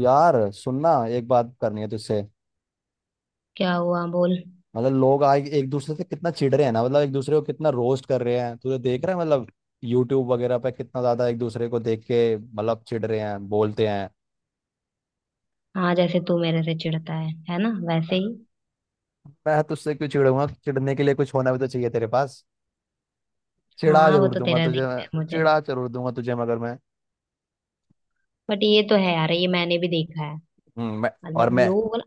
यार सुनना। एक बात करनी है तुझसे। क्या हुआ बोल। मतलब लोग आज एक दूसरे से कितना चिढ़ रहे हैं ना, मतलब एक दूसरे को कितना रोस्ट कर रहे हैं, तुझे देख रहा है मतलब। यूट्यूब वगैरह पे कितना ज्यादा एक दूसरे को देख के मतलब चिढ़ रहे हैं, बोलते हैं। हाँ, जैसे तू मेरे से चिढ़ता है ना, वैसे ही। मैं तुझसे क्यों चिढ़ूंगा? चिढ़ने के लिए कुछ होना भी तो चाहिए तेरे पास। चिढ़ा हाँ वो जरूर तो दूंगा तेरा तुझे मैं। दिखता है मुझे। चिढ़ा जरूर दूंगा तुझे, मगर मैं। बट ये तो है यार, ये मैंने भी देखा है। मैं। और मतलब मैं। लोग ना-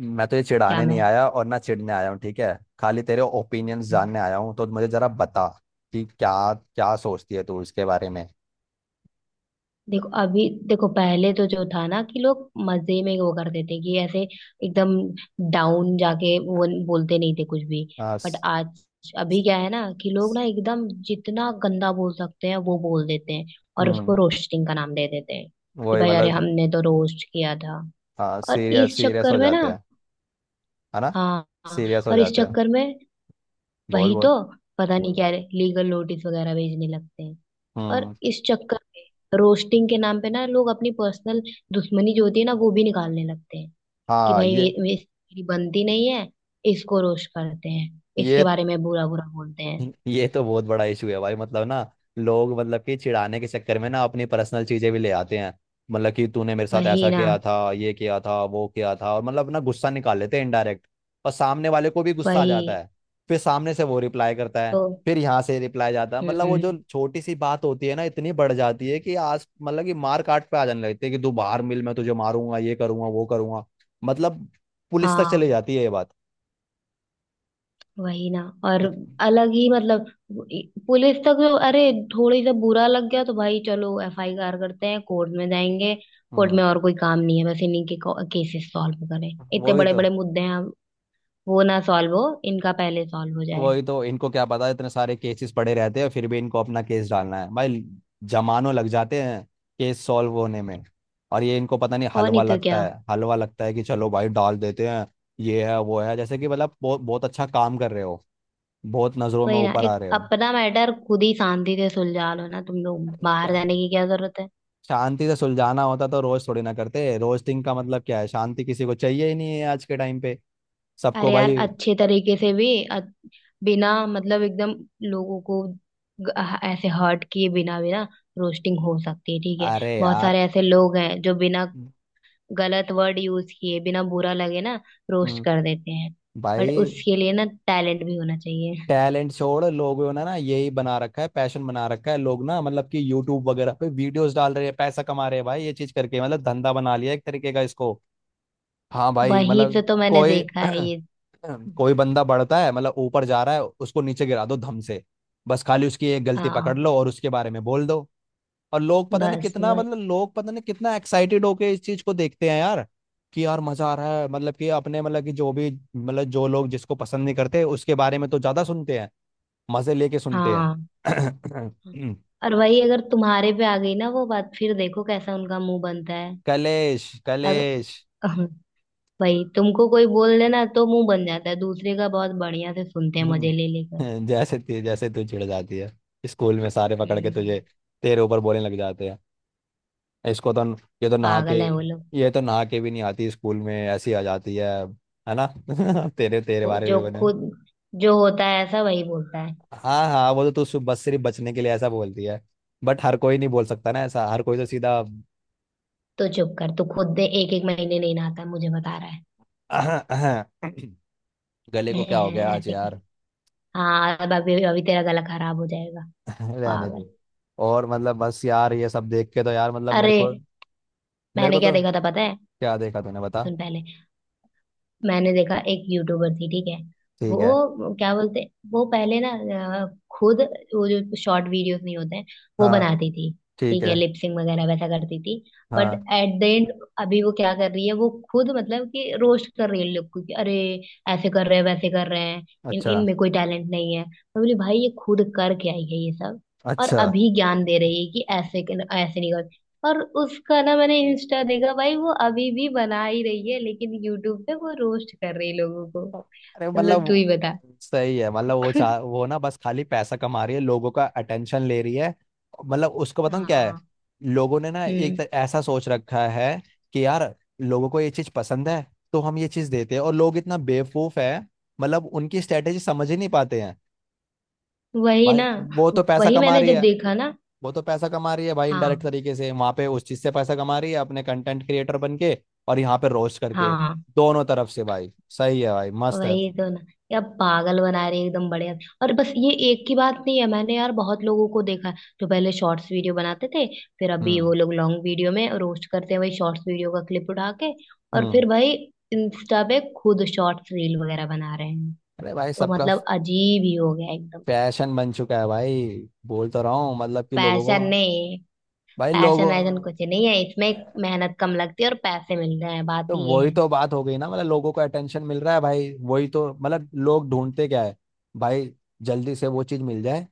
मैं तो ये क्या चिढ़ाने नहीं मैं, आया और ना चिढ़ने आया हूँ, ठीक है? खाली तेरे ओपिनियंस जानने आया हूँ, तो मुझे जरा बता कि क्या क्या सोचती है तू इसके बारे में। देखो अभी देखो, पहले तो जो था ना कि लोग मजे में वो करते थे कि ऐसे एकदम डाउन जाके वो बोलते नहीं थे कुछ भी। हाँ। बट आज अभी क्या है ना कि लोग ना एकदम जितना गंदा बोल सकते हैं वो बोल देते हैं, और उसको हम्म। रोस्टिंग का नाम दे देते हैं कि वही भाई अरे मतलब। हमने तो रोस्ट किया था। हाँ, और सीरियस इस सीरियस चक्कर हो में ना, जाते हैं। है ना? हाँ हाँ, सीरियस हो और इस जाते हैं। चक्कर में, बोल वही तो, बोल। पता नहीं क्या लीगल नोटिस वगैरह भेजने लगते हैं। और हम्म। इस चक्कर में रोस्टिंग के नाम पे ना लोग अपनी पर्सनल दुश्मनी जो होती है ना वो भी निकालने लगते हैं कि हाँ, भाई ये इसकी बनती नहीं है, इसको रोस्ट करते हैं, इसके ये बारे में बुरा बुरा बोलते हैं। ये तो बहुत बड़ा इशू है भाई, मतलब ना। लोग मतलब कि चिढ़ाने के चक्कर में ना अपनी पर्सनल चीजें भी ले आते हैं। मतलब कि तूने मेरे साथ वही ऐसा ना। किया था, ये किया था, वो किया था, और मतलब ना गुस्सा निकाल लेते हैं इनडायरेक्ट। और सामने वाले को भी गुस्सा आ जाता वही है। फिर सामने से वो रिप्लाई करता है। तो। फिर यहाँ से रिप्लाई जाता है, मतलब वो हम्म। जो छोटी सी बात होती है ना, इतनी बढ़ जाती है कि आज मतलब कि मार काट पे आ जाने लगती है कि तू बाहर मिल, मैं तुझे मारूंगा, ये करूंगा, वो करूंगा। मतलब पुलिस तक हाँ। चली जाती है ये बात। वही ना। और इत- अलग ही मतलब, पुलिस तक तो, अरे थोड़ी सा बुरा लग गया तो भाई चलो एफ आई आर करते हैं, कोर्ट में जाएंगे। कोर्ट हम्म। में और कोई काम नहीं है बस इन्हीं के केसेस सॉल्व करें। इतने वही बड़े तो। बड़े मुद्दे हैं वो ना सॉल्व हो, इनका पहले सॉल्व हो जाए। वही तो, इनको क्या पता, इतने सारे केसेस पड़े रहते हैं फिर भी इनको अपना केस डालना है भाई। जमानों लग जाते हैं, केस सॉल्व होने में। और ये, इनको पता नहीं, और नहीं हलवा तो लगता क्या। है, हलवा लगता है कि चलो भाई डाल देते हैं। ये है वो है, जैसे कि मतलब बहुत बहुत अच्छा काम कर रहे हो। बहुत नजरों में वही ना, ऊपर एक आ रहे हो। अपना मैटर खुद ही शांति से सुलझा लो ना, तुम लोग अरे बाहर क्या। जाने की क्या जरूरत है। शांति से सुलझाना होता तो रोज थोड़ी ना करते, रोस्टिंग का मतलब क्या है? शांति किसी को चाहिए ही नहीं है आज के टाइम पे। सबको अरे यार भाई। अच्छे तरीके से भी बिना मतलब, एकदम लोगों को ग- ऐसे हर्ट किए बिना बिना रोस्टिंग हो सकती है, ठीक है। अरे बहुत सारे यार। ऐसे लोग हैं जो बिना गलत वर्ड यूज किए, बिना बुरा लगे ना, रोस्ट हम्म, कर देते हैं। बट भाई। उसके लिए ना टैलेंट भी होना चाहिए। टैलेंट छोड़, लोगों ने ना यही बना रखा है, पैशन बना रखा है। लोग ना मतलब कि यूट्यूब वगैरह पे वीडियोस डाल रहे हैं, पैसा कमा रहे हैं भाई ये चीज करके, मतलब धंधा बना लिया एक तरीके का इसको। हाँ भाई वहीं से मतलब तो मैंने कोई देखा है ये। कोई बंदा बढ़ता है, मतलब ऊपर जा रहा है, उसको नीचे गिरा दो धम से। बस खाली उसकी एक गलती पकड़ हाँ। लो और उसके बारे में बोल दो। और लोग पता नहीं बस कितना, वही। मतलब लोग पता नहीं कितना एक्साइटेड होके इस चीज को देखते हैं यार। कि यार मजा आ रहा है, मतलब कि अपने, मतलब कि जो भी। मतलब जो लोग जिसको पसंद नहीं करते उसके बारे में तो ज्यादा सुनते हैं। मजे लेके सुनते हाँ। हैं। और वही अगर तुम्हारे पे आ गई ना वो बात, फिर देखो कैसा उनका मुंह बनता है। कलेश कलेश। अगर भाई तुमको कोई बोल देना तो मुंह बन जाता है, दूसरे का बहुत बढ़िया से सुनते हैं मजे ले लेकर। जैसे तू चिढ़ जाती है। स्कूल में सारे पकड़ के तुझे, हम्म। तेरे ऊपर बोलने लग जाते हैं। इसको तो। ये तो नहा के पागल है वो लोग। ये तो नहा के भी नहीं आती स्कूल में, ऐसी आ जाती है। है ना? तेरे तेरे वो बारे जो में बने। खुद, जो होता है ऐसा वही बोलता है। हाँ, हाँ, वो तो तू बस सिर्फ बचने के लिए ऐसा बोलती है। बट हर कोई नहीं बोल सकता ना ऐसा, हर कोई तो सीधा। तो चुप कर तू, खुद दे एक एक महीने नहीं नहाता है, मुझे बता रहा है। गले को क्या हो गया आज ऐसे कर। यार? हाँ अब अभी अभी तेरा गला खराब हो जाएगा। रहने दो। पागल। और मतलब बस यार ये सब देख के तो यार, मतलब मेरे अरे को। मेरे मैंने को क्या तो। देखा था पता है। क्या देखा तूने, बता। सुन पहले। मैंने देखा एक यूट्यूबर थी, ठीक है। ठीक है। वो क्या बोलते हैं, वो पहले ना अ, खुद वो जो शॉर्ट वीडियोस नहीं होते हैं वो हाँ। बनाती थी। ठीक ठीक है। है, लिपसिंग वगैरह वैसा करती थी। बट हाँ। एट द एंड अभी वो क्या कर रही है, वो खुद मतलब कि रोस्ट कर रही है लोग को कि अरे ऐसे कर रहे हैं, वैसे कर रहे हैं, इन अच्छा। इनमें कोई टैलेंट नहीं है। मैं बोली भाई ये खुद करके आई है ये सब। और अच्छा। अभी ज्ञान दे रही है कि ऐसे, ऐसे नहीं। और उसका ना मैंने इंस्टा देखा भाई, वो अभी भी बना ही रही है, लेकिन यूट्यूब पे वो रोस्ट कर रही है लोगों को। अरे मतलब तू ही मतलब बता। सही है, मतलब वो ना बस खाली पैसा कमा रही है, लोगों का अटेंशन ले रही है। मतलब उसको बताऊं क्या है। हाँ। लोगों ने ना हम्म। ऐसा सोच रखा है। कि यार लोगों को ये चीज पसंद है। तो हम ये चीज देते हैं, और लोग इतना बेवकूफ है। मतलब उनकी स्ट्रेटेजी समझ ही नहीं पाते हैं। वही भाई, ना। वो तो पैसा वही, कमा मैंने रही जब है। देखा ना। वो तो पैसा कमा रही है भाई, इनडायरेक्ट हाँ। तरीके से वहां पे उस चीज से पैसा कमा रही है अपने कंटेंट क्रिएटर बन के। और यहाँ पे रोस्ट करके। हाँ। दोनों तरफ से भाई। सही है भाई, मस्त है। वही तो ना। यार पागल बना रही है एकदम, बढ़िया। और बस ये एक की बात नहीं है, मैंने यार बहुत लोगों को देखा है जो पहले शॉर्ट्स वीडियो बनाते थे, फिर अभी हम्म। वो लोग लॉन्ग वीडियो में रोस्ट करते हैं वही शॉर्ट्स वीडियो का क्लिप उठा के। और हम्म। फिर भाई इंस्टा पे खुद शॉर्ट्स रील वगैरह बना रहे हैं। अरे भाई, तो सबका मतलब अजीब ही हो गया एकदम। फैशन बन चुका है भाई। बोल तो रहा हूँ मतलब कि लोगों को पैशन नहीं, भाई, लोगों। पैशन ऐसा कुछ नहीं है, इसमें मेहनत कम लगती है और पैसे मिल रहे हैं, बात तो ये वही है। तो बात हो गई ना, मतलब लोगों को अटेंशन मिल रहा है भाई, वही तो मतलब लोग ढूंढते क्या है? भाई, जल्दी से वो चीज मिल जाए।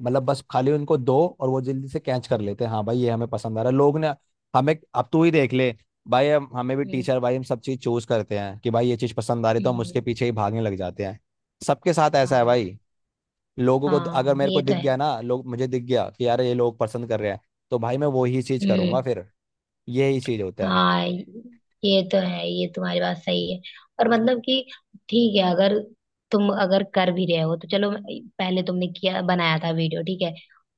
मतलब बस खाली उनको दो, और वो जल्दी से कैच कर लेते हैं, हाँ भाई ये हमें पसंद आ रहा है लोग ने। हमें अब तू ही देख ले। भाई हम, हमें भी हम्म। टीचर। भाई हम सब चीज चूज करते हैं कि भाई ये चीज पसंद आ रही तो हम उसके हम्म। पीछे ही भागने लग जाते हैं। सबके साथ ऐसा है हाँ। भाई। लोगों को, अगर हाँ, मेरे को ये तो दिख है। गया ना लोग, मुझे दिख गया कि यार ये लोग पसंद कर रहे हैं। तो भाई मैं वही चीज हम्म। करूंगा फिर। यही चीज होता है। हाँ ये तो है, ये तुम्हारी बात सही है। और मतलब कि ठीक है, अगर तुम अगर कर भी रहे हो तो चलो, पहले तुमने किया बनाया था वीडियो, ठीक है।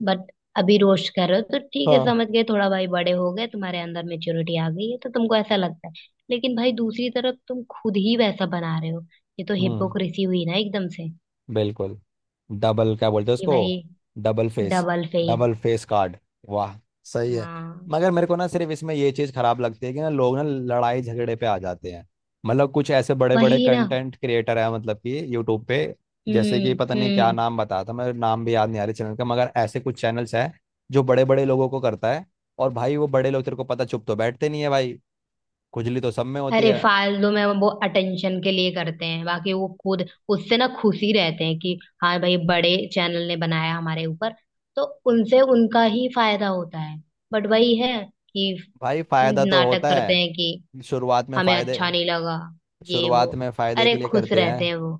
बट अभी रोस्ट कर रहे हो तो ठीक है, हाँ। समझ गए, थोड़ा भाई बड़े हो गए, तुम्हारे अंदर मेच्योरिटी आ गई है तो तुमको ऐसा लगता है। लेकिन भाई दूसरी तरफ तुम खुद ही वैसा बना रहे हो, ये तो हम्म। हिपोक्रेसी हुई ना एकदम से। बिल्कुल। डबल क्या बोलते हैं कि उसको? भाई double face. Double face. Double face card. वाह। सही है। हाँ। मगर मेरे को ना सिर्फ इसमें ये चीज़ खराब लगती है कि ना, लोग ना लड़ाई झगड़े पे आ जाते हैं। मतलब कुछ ऐसे बड़े बड़े वही ना। कंटेंट क्रिएटर हैं, मतलब कि यूट्यूब पे। जैसे कि हम्म। पता नहीं क्या हम्म। नाम बताया था मेरे, नाम भी याद नहीं आ रही चैनल का, मगर ऐसे कुछ चैनल्स हैं। जो बड़े बड़े लोगों को करता है। और भाई वो बड़े लोग, तेरे को पता, चुप तो बैठते नहीं है भाई। खुजली तो सब में होती अरे है। फालतू में वो अटेंशन के लिए करते हैं, बाकी वो खुद उससे ना खुशी रहते हैं कि हाँ भाई बड़े चैनल ने बनाया हमारे ऊपर, तो उनसे उनका ही फायदा होता है। बट वही है कि भाई फायदा तो नाटक होता करते हैं है। कि शुरुआत में हमें फायदे अच्छा नहीं लगा, ये वो। शुरुआत में फायदे अरे के लिए खुश करते रहते हैं। हैं वो।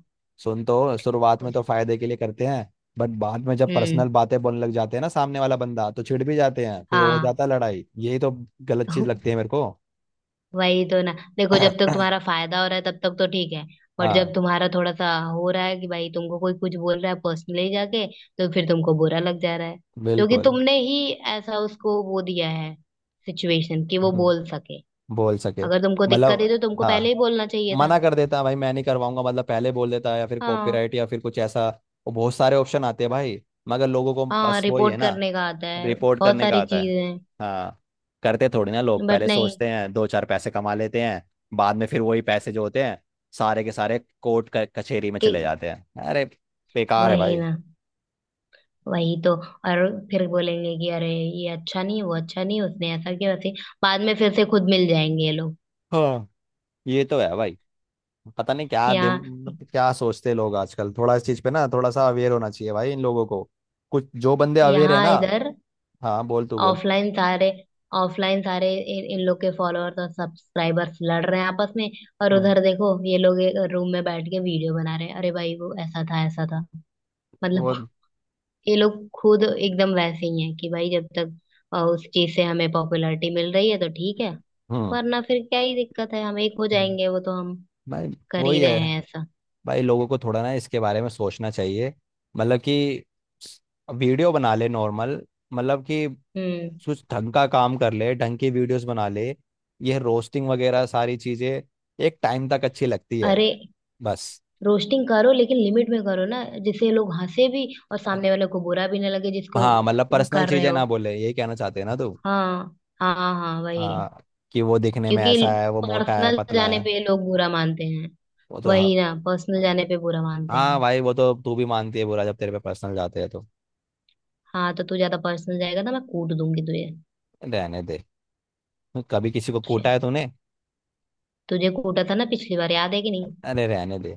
सुन तो शुरुआत में खुश। तो फायदे के लिए करते हैं। बट बाद में जब हम्म। पर्सनल बातें बोलने लग जाते हैं ना सामने वाला बंदा, तो छिड़ भी जाते हैं, फिर हो हाँ। जाता है लड़ाई, यही तो। गलत चीज लगती है मेरे को। वही तो ना। देखो जब तक तुम्हारा फायदा हो रहा है तब तक तो ठीक है, बट जब हाँ। तुम्हारा थोड़ा सा हो रहा है कि भाई तुमको कोई कुछ बोल रहा है पर्सनली जाके, तो फिर तुमको बुरा लग जा रहा है, क्योंकि बिल्कुल। तुमने ही ऐसा उसको वो दिया है, सिचुएशन कि वो हम्म, बोल सके। बोल सके। अगर तुमको दिक्कत मतलब, है तो तुमको पहले हाँ, ही बोलना चाहिए था। मना कर देता है भाई, मैं नहीं करवाऊंगा, मतलब पहले बोल देता है, या फिर हाँ। कॉपीराइट या फिर कुछ ऐसा। वो बहुत सारे ऑप्शन आते हैं भाई। मगर लोगों को हाँ बस वही है रिपोर्ट ना। करने का आता है, रिपोर्ट बहुत करने का सारी आता है। चीजें हैं। हाँ। करते थोड़ी ना लोग बट पहले नहीं, सोचते हैं, दो चार पैसे कमा लेते हैं। बाद में फिर वही पैसे जो होते हैं। सारे के सारे कोर्ट कचहरी में कि चले जाते हैं, अरे। बेकार है वही भाई। ना, वही तो। और फिर बोलेंगे कि अरे ये अच्छा नहीं, वो अच्छा नहीं, उसने ऐसा किया वैसे, बाद में फिर से खुद मिल जाएंगे ये लोग। हाँ ये तो है भाई, पता नहीं क्या दिम। यहाँ। मतलब क्या सोचते हैं लोग आजकल, थोड़ा इस चीज पे ना थोड़ा सा अवेयर होना चाहिए भाई इन लोगों को। कुछ जो बंदे अवेयर है यहाँ ना। इधर। हाँ, बोल तू बोल। ऑफलाइन सारे, ऑफलाइन सारे इन लोग के फॉलोअर्स और सब्सक्राइबर्स लड़ रहे हैं आपस में। और हम्म। उधर देखो ये लोग रूम में बैठ के वीडियो बना रहे हैं, अरे भाई वो ऐसा था, ऐसा था। मतलब वो। ये लोग खुद एकदम वैसे ही हैं, कि भाई जब तक उस चीज से हमें पॉपुलैरिटी मिल रही है तो ठीक है, हम्म। वरना फिर क्या ही दिक्कत है, हम एक हो जाएंगे, वो तो हम भाई कर ही वही रहे है। हैं ऐसा। भाई लोगों को थोड़ा ना इसके बारे में सोचना चाहिए। मतलब कि वीडियो बना ले नॉर्मल, मतलब कि हम्म। कुछ ढंग का काम कर ले, ढंग की वीडियोस बना ले। यह रोस्टिंग वगैरह सारी चीज़ें, एक टाइम तक अच्छी लगती है अरे बस। रोस्टिंग करो लेकिन लिमिट में करो ना, जिससे लोग हंसे भी और सामने वाले को बुरा भी ना लगे जिसको हाँ, मतलब पर्सनल कर रहे चीज़ें हो। ना बोले, यही कहना चाहते हैं ना तू। हाँ हाँ हाँ, वही। हाँ, कि वो दिखने में क्योंकि ऐसा है, वो मोटा है, पर्सनल पतला जाने है। पे लोग बुरा मानते हैं। वो तो हाँ। वही ना, पर्सनल जाने पे बुरा मानते हाँ हैं। भाई, वो तो तू भी मानती है बुरा, जब तेरे पे पर्सनल जाते हैं तो। हाँ तो तू ज्यादा पर्सनल जाएगा ना, मैं कूट दूंगी तुझे। रहने दे। कभी किसी को कूटा चल, है तूने? तुझे कूटा था ना पिछली बार, याद है कि नहीं। अरे रहने दे,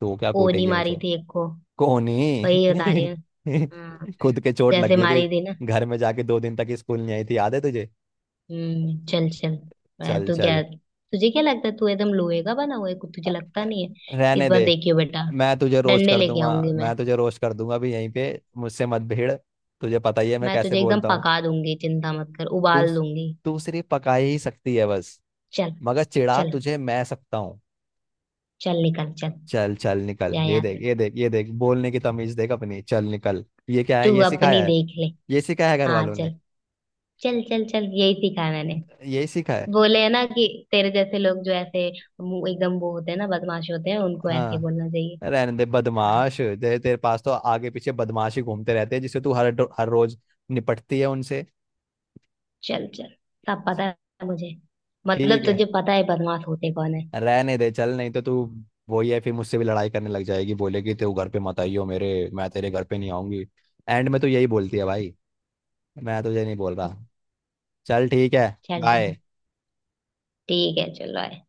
तू क्या कोनी कूटेगी मारी मुझे? थी एक को। कोनी वही बता रही हूँ। हाँ, खुद के चोट लग जैसे गई मारी थी ना। थी, घर में जाके 2 दिन तक स्कूल नहीं आई थी, याद है तुझे? हम्म, चल चल। मैं चल तो क्या, चल, तुझे क्या लगता है तू एकदम लोहे का बना हुआ है, कुछ अ- तुझे लगता अ- नहीं है। इस रहने बार दे। देखियो बेटा, मैं तुझे रोस्ट डंडे कर लेके दूंगा। आऊंगी मैं। मैं तुझे रोस्ट कर दूंगा भी यहीं पे। मुझसे मत भिड़। तुझे पता ही है मैं मैं कैसे तुझे एकदम बोलता हूँ। पका दूंगी, चिंता मत कर, तू उबाल दूंगी। तू सिर्फ पका ही सकती है बस। चल। मगर चिढ़ा चल तुझे मैं सकता हूँ। चल निकल चल, चल चल निकल। जा ये यहाँ देख से। ये देख ये देख, बोलने की तमीज देख अपनी, चल निकल। ये क्या तू है? ये अपनी सिखाया है? देख ले। ये सिखाया है घर हाँ वालों ने? चल। चल चल चल, यही सीखा है मैंने। यही सीखा है? बोले है ना कि तेरे जैसे लोग, जो ऐसे एकदम वो होते हैं ना, बदमाश होते हैं, उनको ऐसे ही हाँ बोलना चाहिए। रहने दे, हाँ बदमाश तेरे तेरे पास तो आगे पीछे बदमाश ही घूमते रहते हैं, जिससे तू हर रोज निपटती है उनसे। चल चल, सब पता है मुझे, ठीक मतलब है। तुझे पता है बदमाश होते कौन है। रहने दे चल, नहीं तो तू। वही है, फिर मुझसे भी लड़ाई करने लग जाएगी, बोलेगी तू घर पे मत आई हो मेरे। मैं तेरे घर पे नहीं आऊंगी। एंड में तो यही बोलती है भाई। मैं तुझे नहीं बोल रहा। चल ठीक है। चल ठीक। बाय। ठीक है, चलो आए।